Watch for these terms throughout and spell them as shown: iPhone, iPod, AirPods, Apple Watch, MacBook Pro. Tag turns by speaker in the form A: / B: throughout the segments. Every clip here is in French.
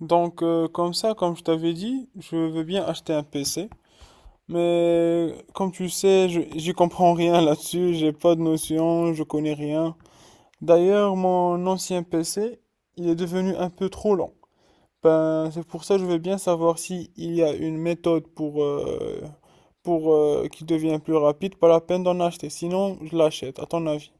A: Donc, comme ça, comme je t'avais dit, je veux bien acheter un PC. Mais comme tu sais, j'y comprends rien là-dessus, j'ai pas de notion, je connais rien. D'ailleurs, mon ancien PC, il est devenu un peu trop lent. Ben, c'est pour ça que je veux bien savoir si il y a une méthode pour qu'il devienne plus rapide. Pas la peine d'en acheter, sinon je l'achète. À ton avis,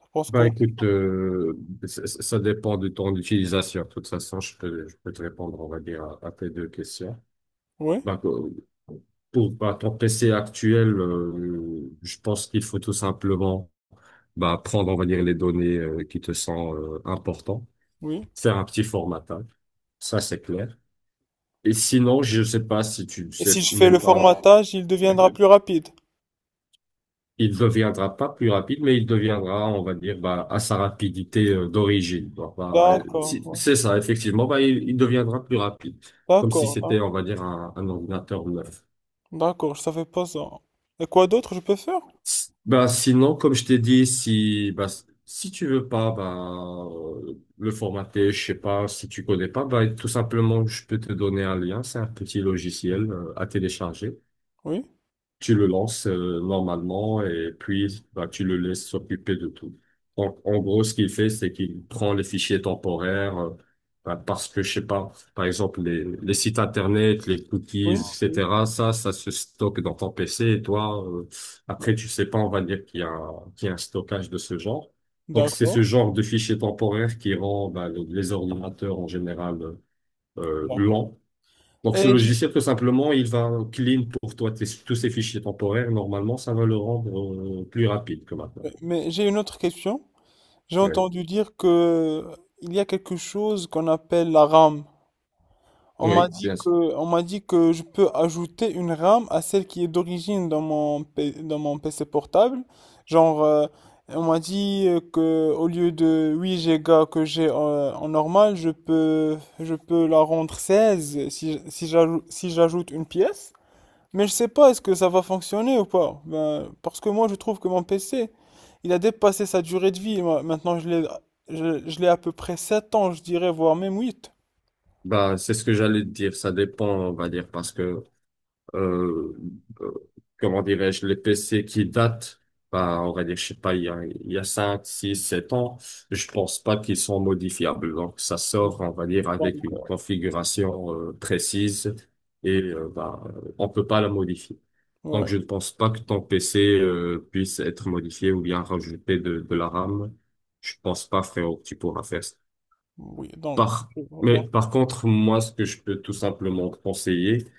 A: tu penses
B: Bah
A: quoi?
B: écoute, dépend de ton utilisation. De toute façon, je peux te répondre, on va dire, à tes deux questions.
A: Oui,
B: Bah, pour bah, ton PC actuel, je pense qu'il faut tout simplement bah, prendre, on va dire, les données qui te sont importantes,
A: oui.
B: faire un petit formatage, ça c'est clair. Et sinon, je sais pas si tu
A: Et
B: sais
A: si je fais le
B: même pas.
A: formatage, il deviendra plus rapide.
B: Il deviendra pas plus rapide, mais il deviendra, on va dire, bah, à sa rapidité d'origine. Bah, bah,
A: D'accord, ouais.
B: c'est ça, effectivement. Bah, il deviendra plus rapide, comme si
A: D'accord. Hein.
B: c'était, on va dire, un ordinateur neuf.
A: D'accord, je savais pas ça. Et quoi d'autre je peux faire?
B: Bah, sinon, comme je t'ai dit, si bah, si tu veux pas bah, le formater, je sais pas, si tu connais pas, bah, tout simplement, je peux te donner un lien. C'est un petit logiciel à télécharger.
A: Oui,
B: Tu le lances normalement et puis bah, tu le laisses s'occuper de tout. En gros, ce qu'il fait, c'est qu'il prend les fichiers temporaires bah, parce que, je sais pas, par exemple, les sites internet, les cookies,
A: oui, oui.
B: etc., ça se stocke dans ton PC et toi, après, tu sais pas, on va dire qu'il y a, qu'il y a un stockage de ce genre. Donc, c'est ce
A: D'accord,
B: genre de fichiers temporaires qui rend bah, les ordinateurs en général
A: d'accord.
B: lents. Donc, ce
A: Et j'ai-
B: logiciel, tout simplement, il va clean pour toi tous ces fichiers temporaires. Normalement, ça va le rendre plus rapide que maintenant.
A: mais j'ai une autre question. J'ai
B: Oui,
A: entendu dire que il y a quelque chose qu'on appelle la RAM. On m'a
B: oui,
A: dit
B: bien sûr.
A: que, on m'a dit que je peux ajouter une RAM à celle qui est d'origine dans mon PC portable. Genre, on m'a dit que au lieu de 8 Go que j'ai en normal, je peux la rendre 16 si, si j'ajoute une pièce. Mais je sais pas, est-ce que ça va fonctionner ou pas? Ben, parce que moi, je trouve que mon PC, il a dépassé sa durée de vie. Moi, maintenant, je l'ai, je l'ai à peu près 7 ans, je dirais, voire même 8.
B: Bah, c'est ce que j'allais te dire. Ça dépend, on va dire, parce que euh, euh, comment dirais-je, les PC qui datent, bah, on va dire, je sais pas, il y a 5, 6, 7 ans, je pense pas qu'ils sont modifiables. Donc, ça sort, on va dire, avec
A: Donc,
B: une configuration précise et bah, on peut pas la modifier. Donc,
A: ouais.
B: je ne pense pas que ton PC puisse être modifié ou bien rajouter de la RAM. Je pense pas, frérot, que tu pourras faire ça.
A: Oui, donc,
B: Par,
A: je vois,
B: mais
A: donc,
B: par contre, moi, ce que je peux tout simplement te conseiller,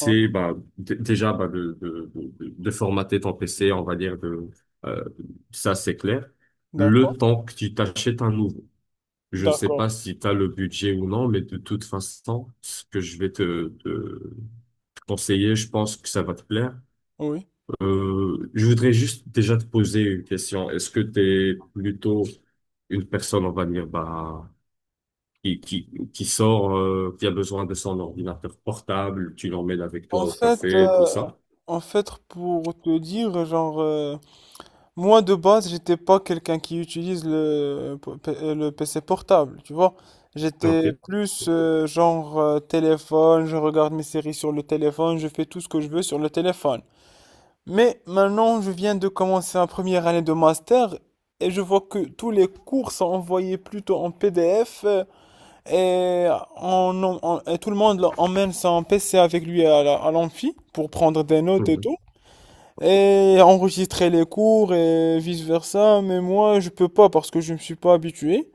A: hein,
B: bah, déjà bah, de formater ton PC, on va dire, euh, ça c'est clair,
A: d'accord,
B: le temps que tu t'achètes un nouveau. Je sais
A: d'accord,
B: pas si tu as le budget ou non, mais de toute façon, ce que je vais te conseiller, je pense que ça va te plaire.
A: oui.
B: Je voudrais juste déjà te poser une question. Est-ce que tu es plutôt une personne, on va dire, bah, qui sort, qui a besoin de son ordinateur portable, tu l'emmènes avec toi
A: En
B: au
A: fait, euh,
B: café, tout ça.
A: en fait, pour te dire, moi de base, j'étais pas quelqu'un qui utilise le PC portable, tu vois. J'étais
B: Ok.
A: plus genre téléphone, je regarde mes séries sur le téléphone, je fais tout ce que je veux sur le téléphone. Mais maintenant, je viens de commencer ma première année de master et je vois que tous les cours sont envoyés plutôt en PDF. Et, on, on- et tout le monde emmène son PC avec lui à l'amphi pour prendre des notes et
B: Mhm.
A: tout. Et enregistrer les cours et vice-versa. Mais moi, je peux pas parce que je me suis pas habitué.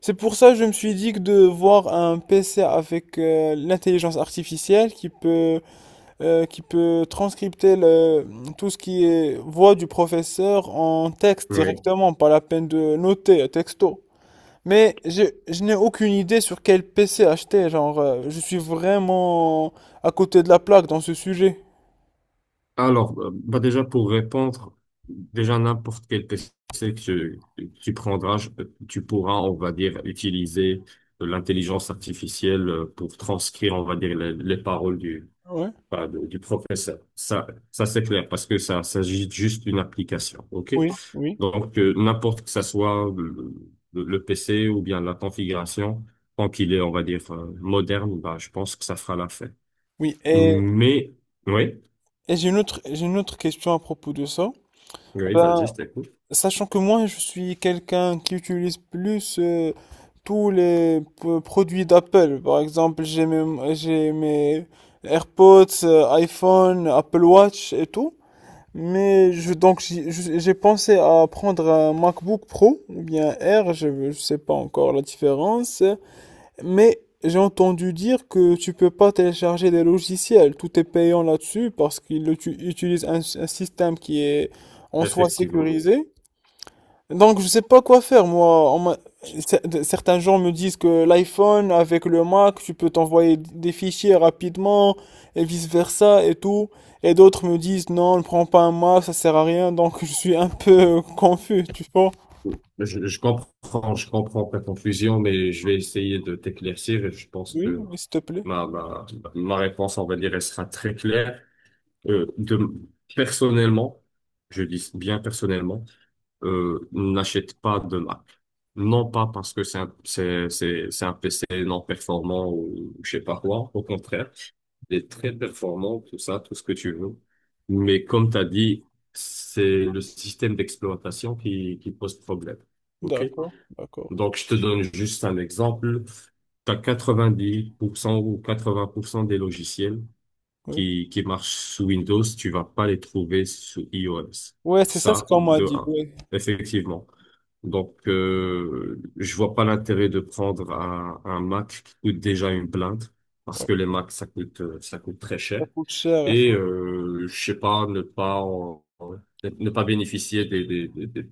A: C'est pour ça que je me suis dit que de voir un PC avec l'intelligence artificielle qui peut transcripter tout ce qui est voix du professeur en texte
B: Oui.
A: directement, pas la peine de noter, texto. Mais je n'ai aucune idée sur quel PC acheter, genre, je suis vraiment à côté de la plaque dans ce sujet.
B: Alors, bah déjà pour répondre, déjà n'importe quel PC que tu prendras, tu pourras, on va dire, utiliser l'intelligence artificielle pour transcrire, on va dire, les paroles
A: Ouais,
B: bah, du professeur. Ça c'est clair parce que ça s'agit juste d'une application. OK?
A: oui, oui.
B: Donc, n'importe que ça soit le, le PC ou bien la configuration, tant qu'il est, on va dire, moderne, bah, je pense que ça fera l'affaire.
A: Oui, et,
B: Mais, oui,
A: et j'ai une autre question à propos de ça.
B: oui,
A: Ben,
B: vas-y, je t'écoute.
A: sachant que moi, je suis quelqu'un qui utilise plus tous les produits d'Apple. Par exemple, j'ai mes AirPods, iPhone, Apple Watch et tout. Mais je, donc j'y- je- j'ai pensé à prendre un MacBook Pro ou bien R, je ne sais pas encore la différence, mais j'ai entendu dire que tu peux pas télécharger des logiciels, tout est payant là-dessus parce qu'ils utilisent un système qui est en soi
B: Effectivement.
A: sécurisé. Donc, je sais pas quoi faire, moi. Certains gens me disent que l'iPhone avec le Mac, tu peux t'envoyer des fichiers rapidement et vice-versa et tout. Et d'autres me disent non, ne prends pas un Mac, ça sert à rien. Donc, je suis un peu confus, tu vois.
B: Je comprends ta confusion, mais je vais essayer de t'éclaircir et je pense
A: Oui,
B: que
A: oui, s'il te plaît.
B: ma, ma, ma réponse, on va dire, elle sera très claire. Euh, de, personnellement, je dis bien personnellement, n'achète pas de Mac. Non pas parce que c'est un PC non performant ou je sais pas quoi. Au contraire, il est très performant, tout ça, tout ce que tu veux. Mais comme tu as dit, c'est le système d'exploitation qui pose problème. OK?
A: D'accord, d'accord,
B: Donc, je te donne juste un exemple. Tu as 90% ou 80% des logiciels
A: oui.
B: qui marchent sous Windows, tu vas pas les trouver sous iOS.
A: Ouais, c'est ça ce
B: Ça,
A: qu'on m'a
B: de
A: dit.
B: un.
A: Oui,
B: Effectivement. Donc, je vois pas l'intérêt de prendre un Mac qui coûte déjà une blinde, parce
A: ouais.
B: que les Macs, ça coûte très
A: Ça
B: cher.
A: coûte cher.
B: Et je sais pas, ne pas ne pas bénéficier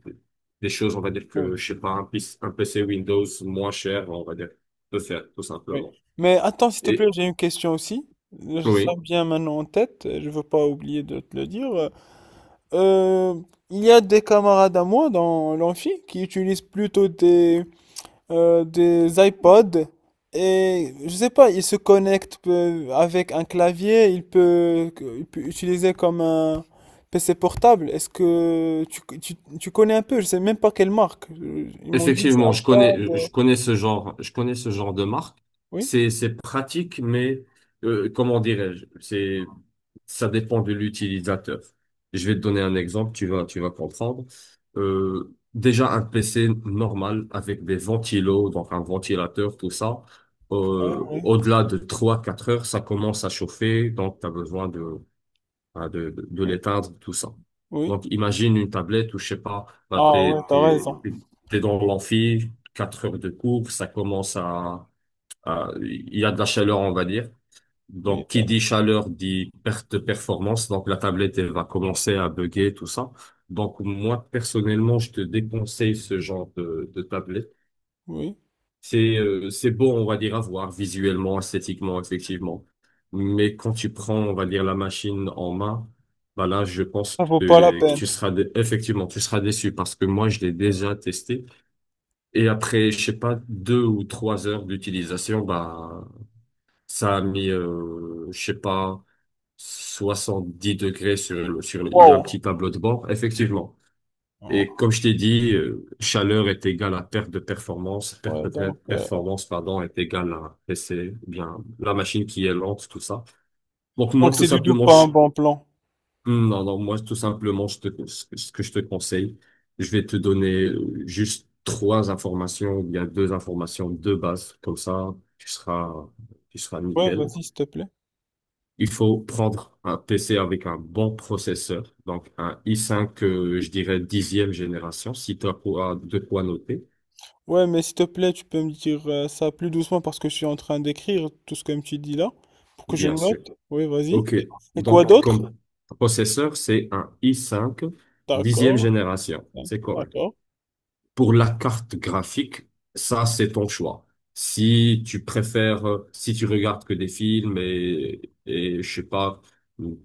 B: des choses, on va dire
A: Oui,
B: que, je sais pas, un PC Windows moins cher, on va dire, peut faire, tout
A: oui.
B: simplement.
A: Mais attends, s'il te plaît,
B: Et
A: j'ai une question aussi. Je sens
B: oui.
A: bien maintenant en tête. Je veux pas oublier de te le dire. Euh, il y a des camarades à moi dans l'amphi qui utilisent plutôt des iPods et je sais pas, ils se connectent avec un clavier, ils peuvent utiliser comme un PC portable. Est-ce que tu connais un peu? Je sais même pas quelle marque. Ils m'ont dit c'est
B: Effectivement,
A: iPod.
B: je connais ce genre de marque.
A: Oui,
B: C'est pratique, mais comment dirais-je? Ça dépend de l'utilisateur. Je vais te donner un exemple, tu vas comprendre. Déjà un PC normal avec des ventilos, donc un ventilateur, tout ça. Au-delà de trois quatre heures, ça commence à chauffer, donc tu as besoin de hein, de
A: oui,
B: l'éteindre, tout ça.
A: oui.
B: Donc, imagine une tablette où, je sais pas, bah,
A: Ah ouais, t'as raison.
B: t'es dans l'amphi, 4 heures de cours, ça commence il y a de la chaleur, on va dire.
A: Oui,
B: Donc, qui dit chaleur dit perte de performance. Donc, la tablette, elle va commencer à bugger, tout ça. Donc, moi, personnellement, je te déconseille ce genre de tablette.
A: oui.
B: C'est beau, on va dire, à voir visuellement, esthétiquement, effectivement. Mais quand tu prends, on va dire, la machine en main, bah là, je pense
A: Ça vaut pas la
B: que
A: peine.
B: tu seras effectivement, tu seras déçu parce que moi, je l'ai déjà testé. Et après, je sais pas, 2 ou 3 heures d'utilisation, bah ça a mis, je sais pas, 70 degrés sur le, il y a un
A: Wow.
B: petit tableau de bord, effectivement. Et comme je t'ai dit, chaleur est égale à perte
A: Ouais,
B: de
A: donc, euh,
B: performance, pardon, est égale à PC, eh bien, la machine qui est lente, tout ça. Donc, moi,
A: donc
B: tout
A: c'est du tout
B: simplement,
A: pas un bon plan.
B: hmm, non, non, moi, tout simplement, ce que je te conseille, je vais te donner juste trois informations, ou bien deux informations de base, comme ça, tu seras
A: Ouais,
B: nickel.
A: vas-y, s'il te plaît.
B: Il faut prendre un PC avec un bon processeur, donc un i5, je dirais dixième génération, si tu as de quoi noter.
A: Ouais, mais s'il te plaît, tu peux me dire ça plus doucement parce que je suis en train d'écrire tout ce que tu dis là, pour que je le
B: Bien sûr.
A: note. Oui, vas-y.
B: OK.
A: Et quoi
B: Donc,
A: d'autre?
B: comme processeur, c'est un i5, dixième
A: D'accord,
B: génération. C'est correct.
A: d'accord,
B: Pour la carte graphique, ça, c'est ton choix. Si tu préfères, si tu regardes que des films et je sais pas,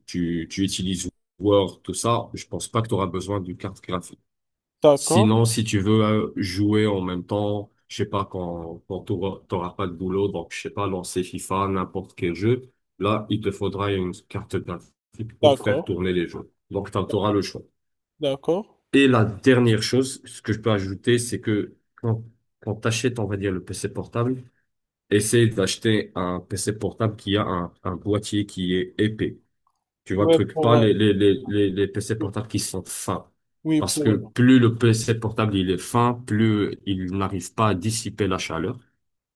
B: tu utilises Word, tout ça, je pense pas que tu auras besoin d'une carte graphique.
A: d'accord,
B: Sinon, si tu veux jouer en même temps, je sais pas, quand t'auras pas de boulot, donc je sais pas, lancer FIFA, n'importe quel jeu, là, il te faudra une carte graphique pour faire
A: d'accord,
B: tourner les jeux. Donc, t'en auras le choix.
A: d'accord.
B: Et la dernière chose, ce que je peux ajouter, c'est que quand, t'achètes, on va dire, le PC portable, essaye d'acheter un PC portable qui a un, boîtier qui est épais. Tu vois le
A: Ouais,
B: truc, pas les PC
A: oui,
B: portables qui sont fins.
A: oui,
B: Parce que plus le PC portable il est fin, plus il n'arrive pas à dissiper la chaleur.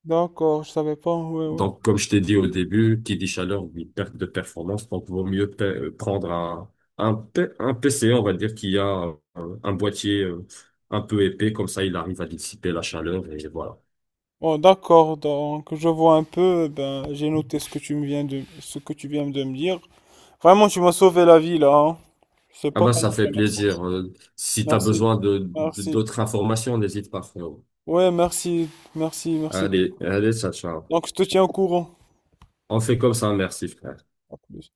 A: D'accord, je savais pas, ouais, ouais.
B: Donc, comme je t'ai dit au début, qui dit chaleur dit perte de performance. Donc, vaut mieux prendre un PC, on va dire, qui a un boîtier un peu épais. Comme ça, il arrive à dissiper la chaleur et voilà.
A: Bon, d'accord, donc je vois un peu, ben, j'ai noté ce que tu me viens de, ce que tu viens de me dire. Vraiment, tu m'as sauvé la vie là, hein. Je sais
B: Ah
A: pas
B: ben,
A: comment
B: ça
A: te
B: fait
A: remercier.
B: plaisir. Si t'as
A: Merci,
B: besoin
A: merci.
B: d'autres informations, n'hésite pas, frérot.
A: Ouais, merci, merci, merci.
B: Allez, allez, ciao, ciao.
A: Donc, je te tiens au courant.
B: On fait comme ça, merci, frère.
A: À plus.